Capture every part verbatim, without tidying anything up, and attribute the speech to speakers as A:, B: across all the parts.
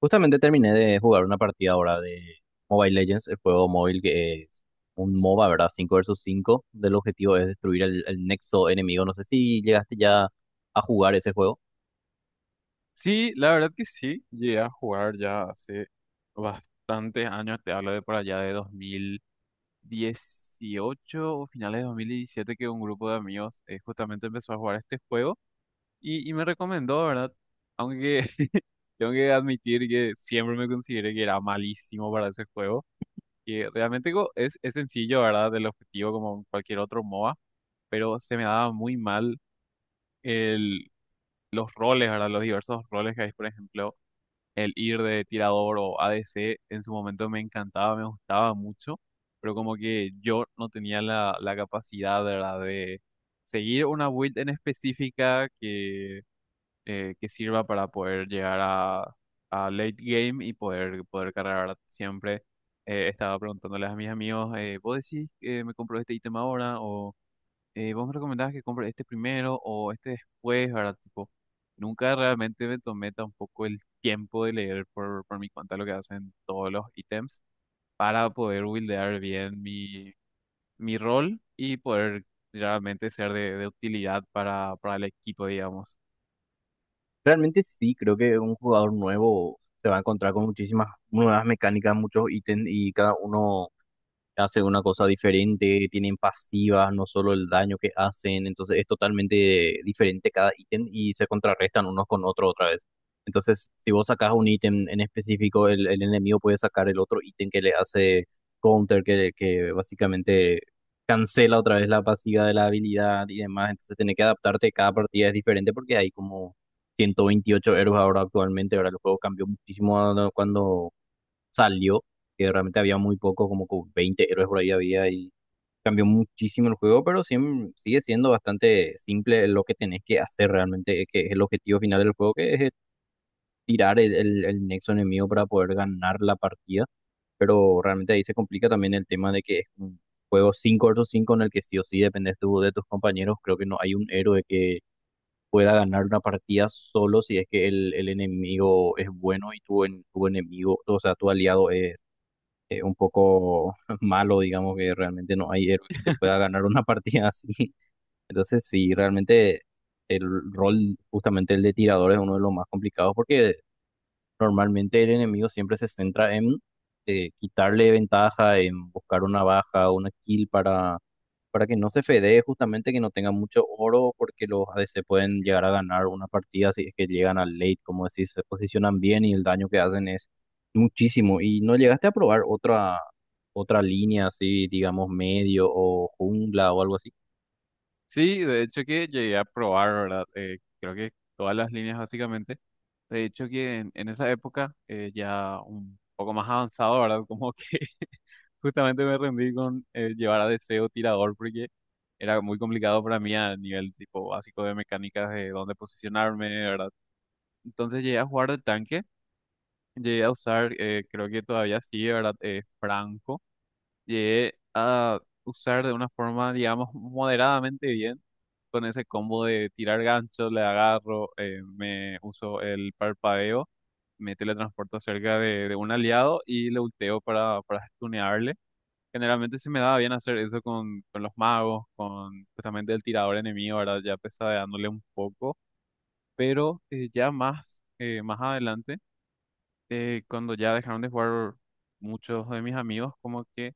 A: Justamente terminé de jugar una partida ahora de Mobile Legends, el juego móvil que es un MOBA, ¿verdad? Cinco versus cinco. Del objetivo es destruir el, el nexo enemigo. No sé si llegaste ya a jugar ese juego.
B: Sí, la verdad que sí, llegué a jugar ya hace bastantes años, te hablo de por allá de dos mil dieciocho o finales de dos mil diecisiete, que un grupo de amigos eh, justamente empezó a jugar este juego y, y me recomendó, ¿verdad? Aunque tengo que admitir que siempre me consideré que era malísimo para ese juego, que realmente co- es, es sencillo, ¿verdad? El objetivo como cualquier otro MOBA, pero se me daba muy mal el, los roles, ¿verdad? Los diversos roles que hay, por ejemplo. El ir de tirador o A D C en su momento me encantaba, me gustaba mucho, pero como que yo no tenía la, la capacidad, ¿verdad?, de seguir una build en específica que, eh, que sirva para poder llegar a, a late game y poder, poder cargar, ¿verdad?, siempre. Eh, estaba preguntándoles a mis amigos, eh, ¿vos decís que me compro este ítem ahora? Eh, ¿vos me recomendabas que compre este primero o este después, ¿verdad? Tipo, nunca realmente me tomé tampoco el tiempo de leer por, por mi cuenta lo que hacen todos los ítems para poder buildear bien mi, mi rol y poder realmente ser de, de utilidad para, para el equipo, digamos.
A: Realmente sí, creo que un jugador nuevo se va a encontrar con muchísimas nuevas mecánicas, muchos ítems y cada uno hace una cosa diferente, tienen pasivas, no solo el daño que hacen, entonces es totalmente diferente cada ítem y se contrarrestan unos con otros otra vez. Entonces, si vos sacás un ítem en específico, el, el enemigo puede sacar el otro ítem que le hace counter, que, que básicamente cancela otra vez la pasiva de la habilidad y demás, entonces tenés que adaptarte, cada partida es diferente porque hay como ciento veintiocho héroes ahora actualmente, ahora el juego cambió muchísimo a- cuando salió, que realmente había muy poco, como que veinte héroes por ahí había y cambió muchísimo el juego, pero siem- sigue siendo bastante simple lo que tenés que hacer realmente, es que es el objetivo final del juego, que es eh, tirar el, el, el nexo enemigo para poder ganar la partida, pero realmente ahí se complica también el tema de que es un juego cinco versus cinco en el que sí o sí dependes tú de tus compañeros, creo que no hay un héroe que pueda ganar una partida solo si es que el, el enemigo es bueno y tu, en- tu enemigo, o sea, tu aliado es eh, un poco malo, digamos que realmente no hay héroe que te pueda ganar una partida así. Entonces, sí, realmente el rol, justamente el de tirador, es uno de los más complicados porque normalmente el enemigo siempre se centra en eh, quitarle ventaja, en buscar una baja, una kill para para que no se fedee justamente que no tenga mucho oro porque los a ADC pueden llegar a ganar una partida si es que llegan al late, como decís, se posicionan bien y el daño que hacen es muchísimo. ¿Y no llegaste a probar otra, otra línea así, digamos, medio o jungla o algo así?
B: Sí, de hecho que llegué a probar, ¿verdad? Eh, creo que todas las líneas básicamente. De hecho que en, en esa época eh, ya un poco más avanzado, ¿verdad? Como que justamente me rendí con eh, llevar a Deseo tirador porque era muy complicado para mí a nivel tipo básico de mecánicas de dónde posicionarme, ¿verdad? Entonces llegué a jugar de tanque, llegué a usar, eh, creo que todavía sí, ¿verdad? Eh, Franco, llegué a usar de una forma, digamos, moderadamente bien, con ese combo de tirar gancho, le agarro, eh, me uso el parpadeo, me teletransporto cerca de, de un aliado y le ulteo para, para stunearle. Generalmente se me daba bien hacer eso con, con los magos, con justamente el tirador enemigo, ¿verdad? Ya pesadeándole un poco. Pero eh, ya más, eh, más adelante, eh, cuando ya dejaron de jugar muchos de mis amigos, como que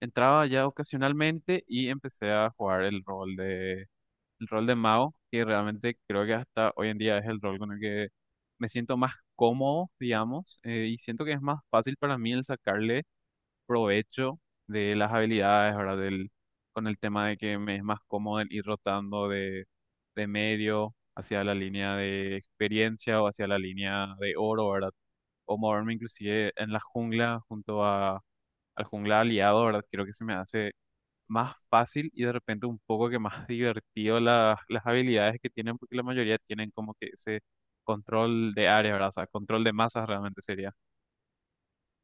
B: entraba ya ocasionalmente y empecé a jugar el rol de, el rol de mago, que realmente creo que hasta hoy en día es el rol con el que me siento más cómodo, digamos, eh, y siento que es más fácil para mí el sacarle provecho de las habilidades, ¿verdad? Del, con el tema de que me es más cómodo el ir rotando de, de medio hacia la línea de experiencia o hacia la línea de oro, ¿verdad? O moverme inclusive en la jungla junto a, al jungla aliado, ¿verdad? Creo que se me hace más fácil y de repente un poco que más divertido las las habilidades que tienen, porque la mayoría tienen como que ese control de área, ¿verdad? O sea, control de masas realmente sería.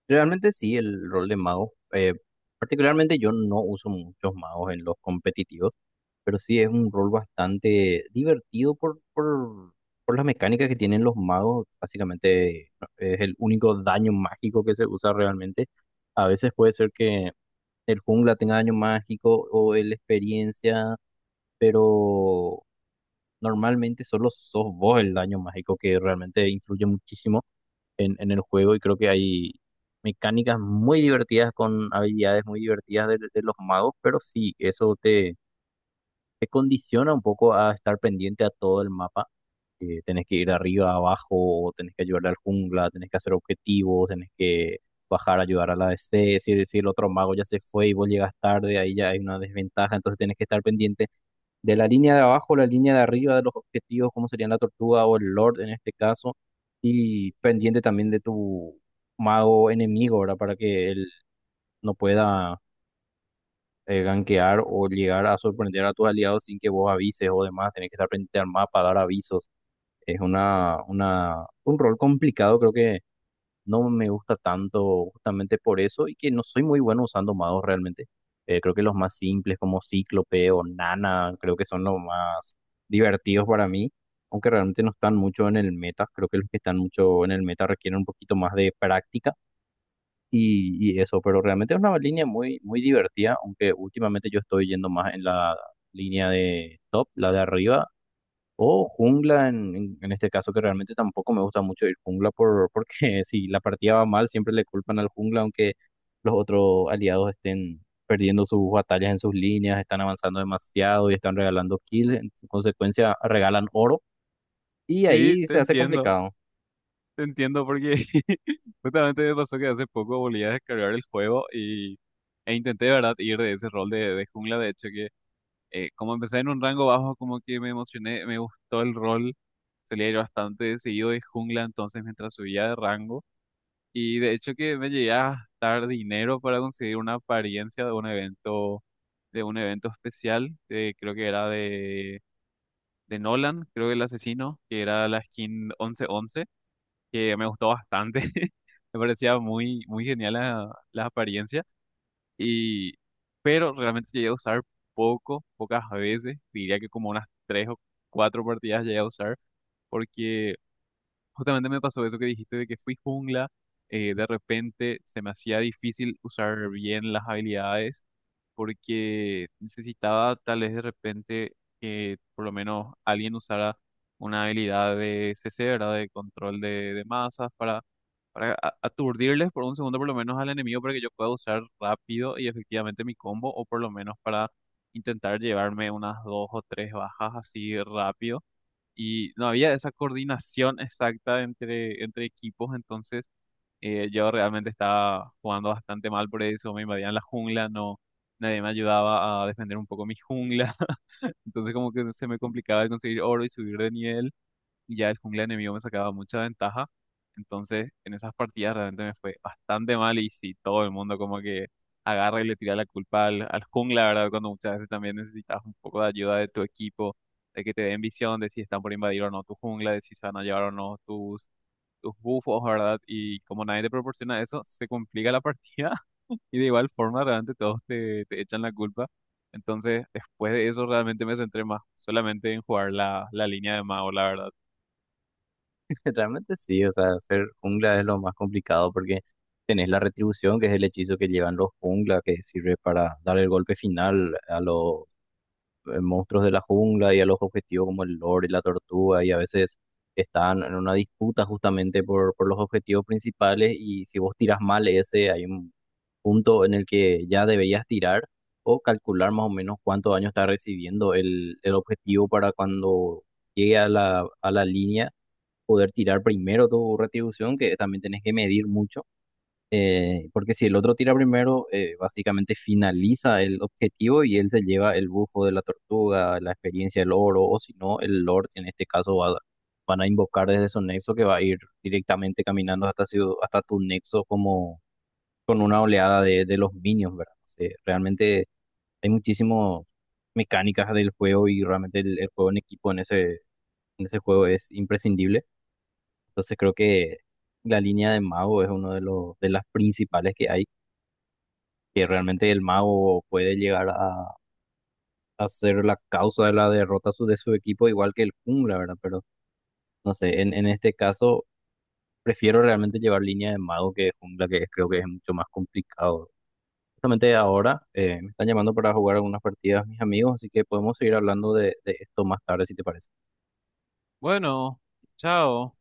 A: Realmente sí, el rol de mago. Eh, particularmente yo no uso muchos magos en los competitivos, pero sí es un rol bastante divertido por, por, por las mecánicas que tienen los magos. Básicamente no, es el único daño mágico que se usa realmente. A veces puede ser que el jungla tenga daño mágico o el experiencia, pero normalmente solo sos vos el daño mágico que realmente influye muchísimo en, en el juego y creo que hay mecánicas muy divertidas con habilidades muy divertidas de de los magos, pero sí, eso te, te condiciona un poco a estar pendiente a todo el mapa. Eh, tenés que ir de arriba a abajo, tenés que ayudar al jungla, tenés que hacer objetivos, tenés que bajar a ayudar a la D C. Si, si el otro mago ya se fue y vos llegas tarde, ahí ya hay una desventaja, entonces tenés que estar pendiente de la línea de abajo, la línea de arriba, de los objetivos, como serían la tortuga o el lord en este caso, y pendiente también de tu mago enemigo, ¿verdad? Para que él no pueda eh, gankear o llegar a sorprender a tus aliados sin que vos avises o demás, tenés que estar pendiente al mapa, dar avisos. Es una, una, un rol complicado, creo que no me gusta tanto justamente por eso y que no soy muy bueno usando magos realmente. Eh, creo que los más simples como Cíclope o Nana, creo que son los más divertidos para mí, aunque realmente no están mucho en el meta, creo que los que están mucho en el meta requieren un poquito más de práctica y, y eso, pero realmente es una línea muy, muy divertida, aunque últimamente yo estoy yendo más en la línea de top, la de arriba, o jungla en, en- en este caso, que realmente tampoco me gusta mucho ir jungla por, porque si la partida va mal, siempre le culpan al jungla, aunque los otros aliados estén perdiendo sus batallas en sus líneas, están avanzando demasiado y están regalando kills, en consecuencia regalan oro, y
B: Sí,
A: ahí
B: te
A: se hace
B: entiendo.
A: complicado.
B: Te entiendo porque justamente me pasó que hace poco volví a descargar el juego y, e intenté, de ¿verdad?, ir de ese rol de, de jungla. De hecho, que eh, como empecé en un rango bajo, como que me emocioné, me gustó el rol. Solía ir bastante seguido de jungla, entonces mientras subía de rango. Y de hecho que me llegué a gastar dinero para conseguir una apariencia de un evento, de un evento especial, de- creo que era de, de Nolan, creo que el asesino, que era la skin once once, que me gustó bastante. Me parecía muy, muy genial la, la apariencia. Y, pero realmente llegué a usar poco, pocas veces. Diría que como unas tres o cuatro partidas llegué a usar. Porque justamente me pasó eso que dijiste de que fui jungla, eh, de repente se me hacía difícil usar bien las habilidades, porque necesitaba tal vez de repente que por lo menos alguien usara una habilidad de C C, ¿verdad? De control de, de masas para, para a- aturdirles por un segundo por lo menos al enemigo para que yo pueda usar rápido y efectivamente mi combo, o por lo menos para intentar llevarme unas dos o tres bajas así rápido, y no había esa coordinación exacta entre, entre equipos, entonces eh, yo realmente estaba jugando bastante mal por eso, me invadían la jungla, no, nadie me ayudaba a defender un poco mi jungla, entonces como que se me complicaba el conseguir oro y subir de nivel, y ya el jungla enemigo me sacaba mucha ventaja. Entonces, en esas partidas realmente me fue bastante mal y sí, todo el mundo como que agarra y le tira la culpa al, al jungla, ¿verdad? Cuando muchas veces también necesitas un poco de ayuda de tu equipo, de que te den visión de si están por invadir o no tu jungla, de si se van a llevar o no tus, tus buffos, ¿verdad? Y como nadie te proporciona eso, se complica la partida y de igual forma realmente todos te, te echan la culpa. Entonces, después de eso realmente me centré más solamente en jugar la, la línea de mago, la verdad.
A: Realmente sí, o sea, ser jungla es lo más complicado porque tenés la retribución, que es el hechizo que llevan los jungla, que sirve para dar el golpe final a los eh, monstruos de la jungla y a los objetivos como el lord y la tortuga, y a veces están en una disputa justamente por, por los objetivos principales, y si vos tiras mal ese, hay un punto en el que ya deberías tirar o calcular más o menos cuánto daño está recibiendo el, el objetivo para cuando llegue a la, a la línea poder tirar primero tu retribución, que también tenés que medir mucho, eh, porque si el otro tira primero, eh, básicamente finaliza el objetivo y él se lleva el bufo de la tortuga, la experiencia del oro, o si no, el lord en este caso va a- van a invocar desde su nexo que va a ir directamente caminando hasta, su- hasta tu nexo como con una oleada de, de los minions, ¿verdad? O sea, realmente hay muchísimas mecánicas del juego y realmente el, el juego en equipo en ese, en ese juego es imprescindible. Entonces creo que la línea de mago es uno de los de las principales que hay, que realmente el mago puede llegar a, a ser la causa de la derrota su- de su equipo, igual que el jungla, ¿verdad? Pero no sé, en, en este caso prefiero realmente llevar línea de mago que de jungla, que creo que es mucho más complicado. Justamente ahora eh, me están llamando para jugar algunas partidas mis amigos, así que podemos seguir hablando de de esto más tarde, si te parece.
B: Bueno, chao.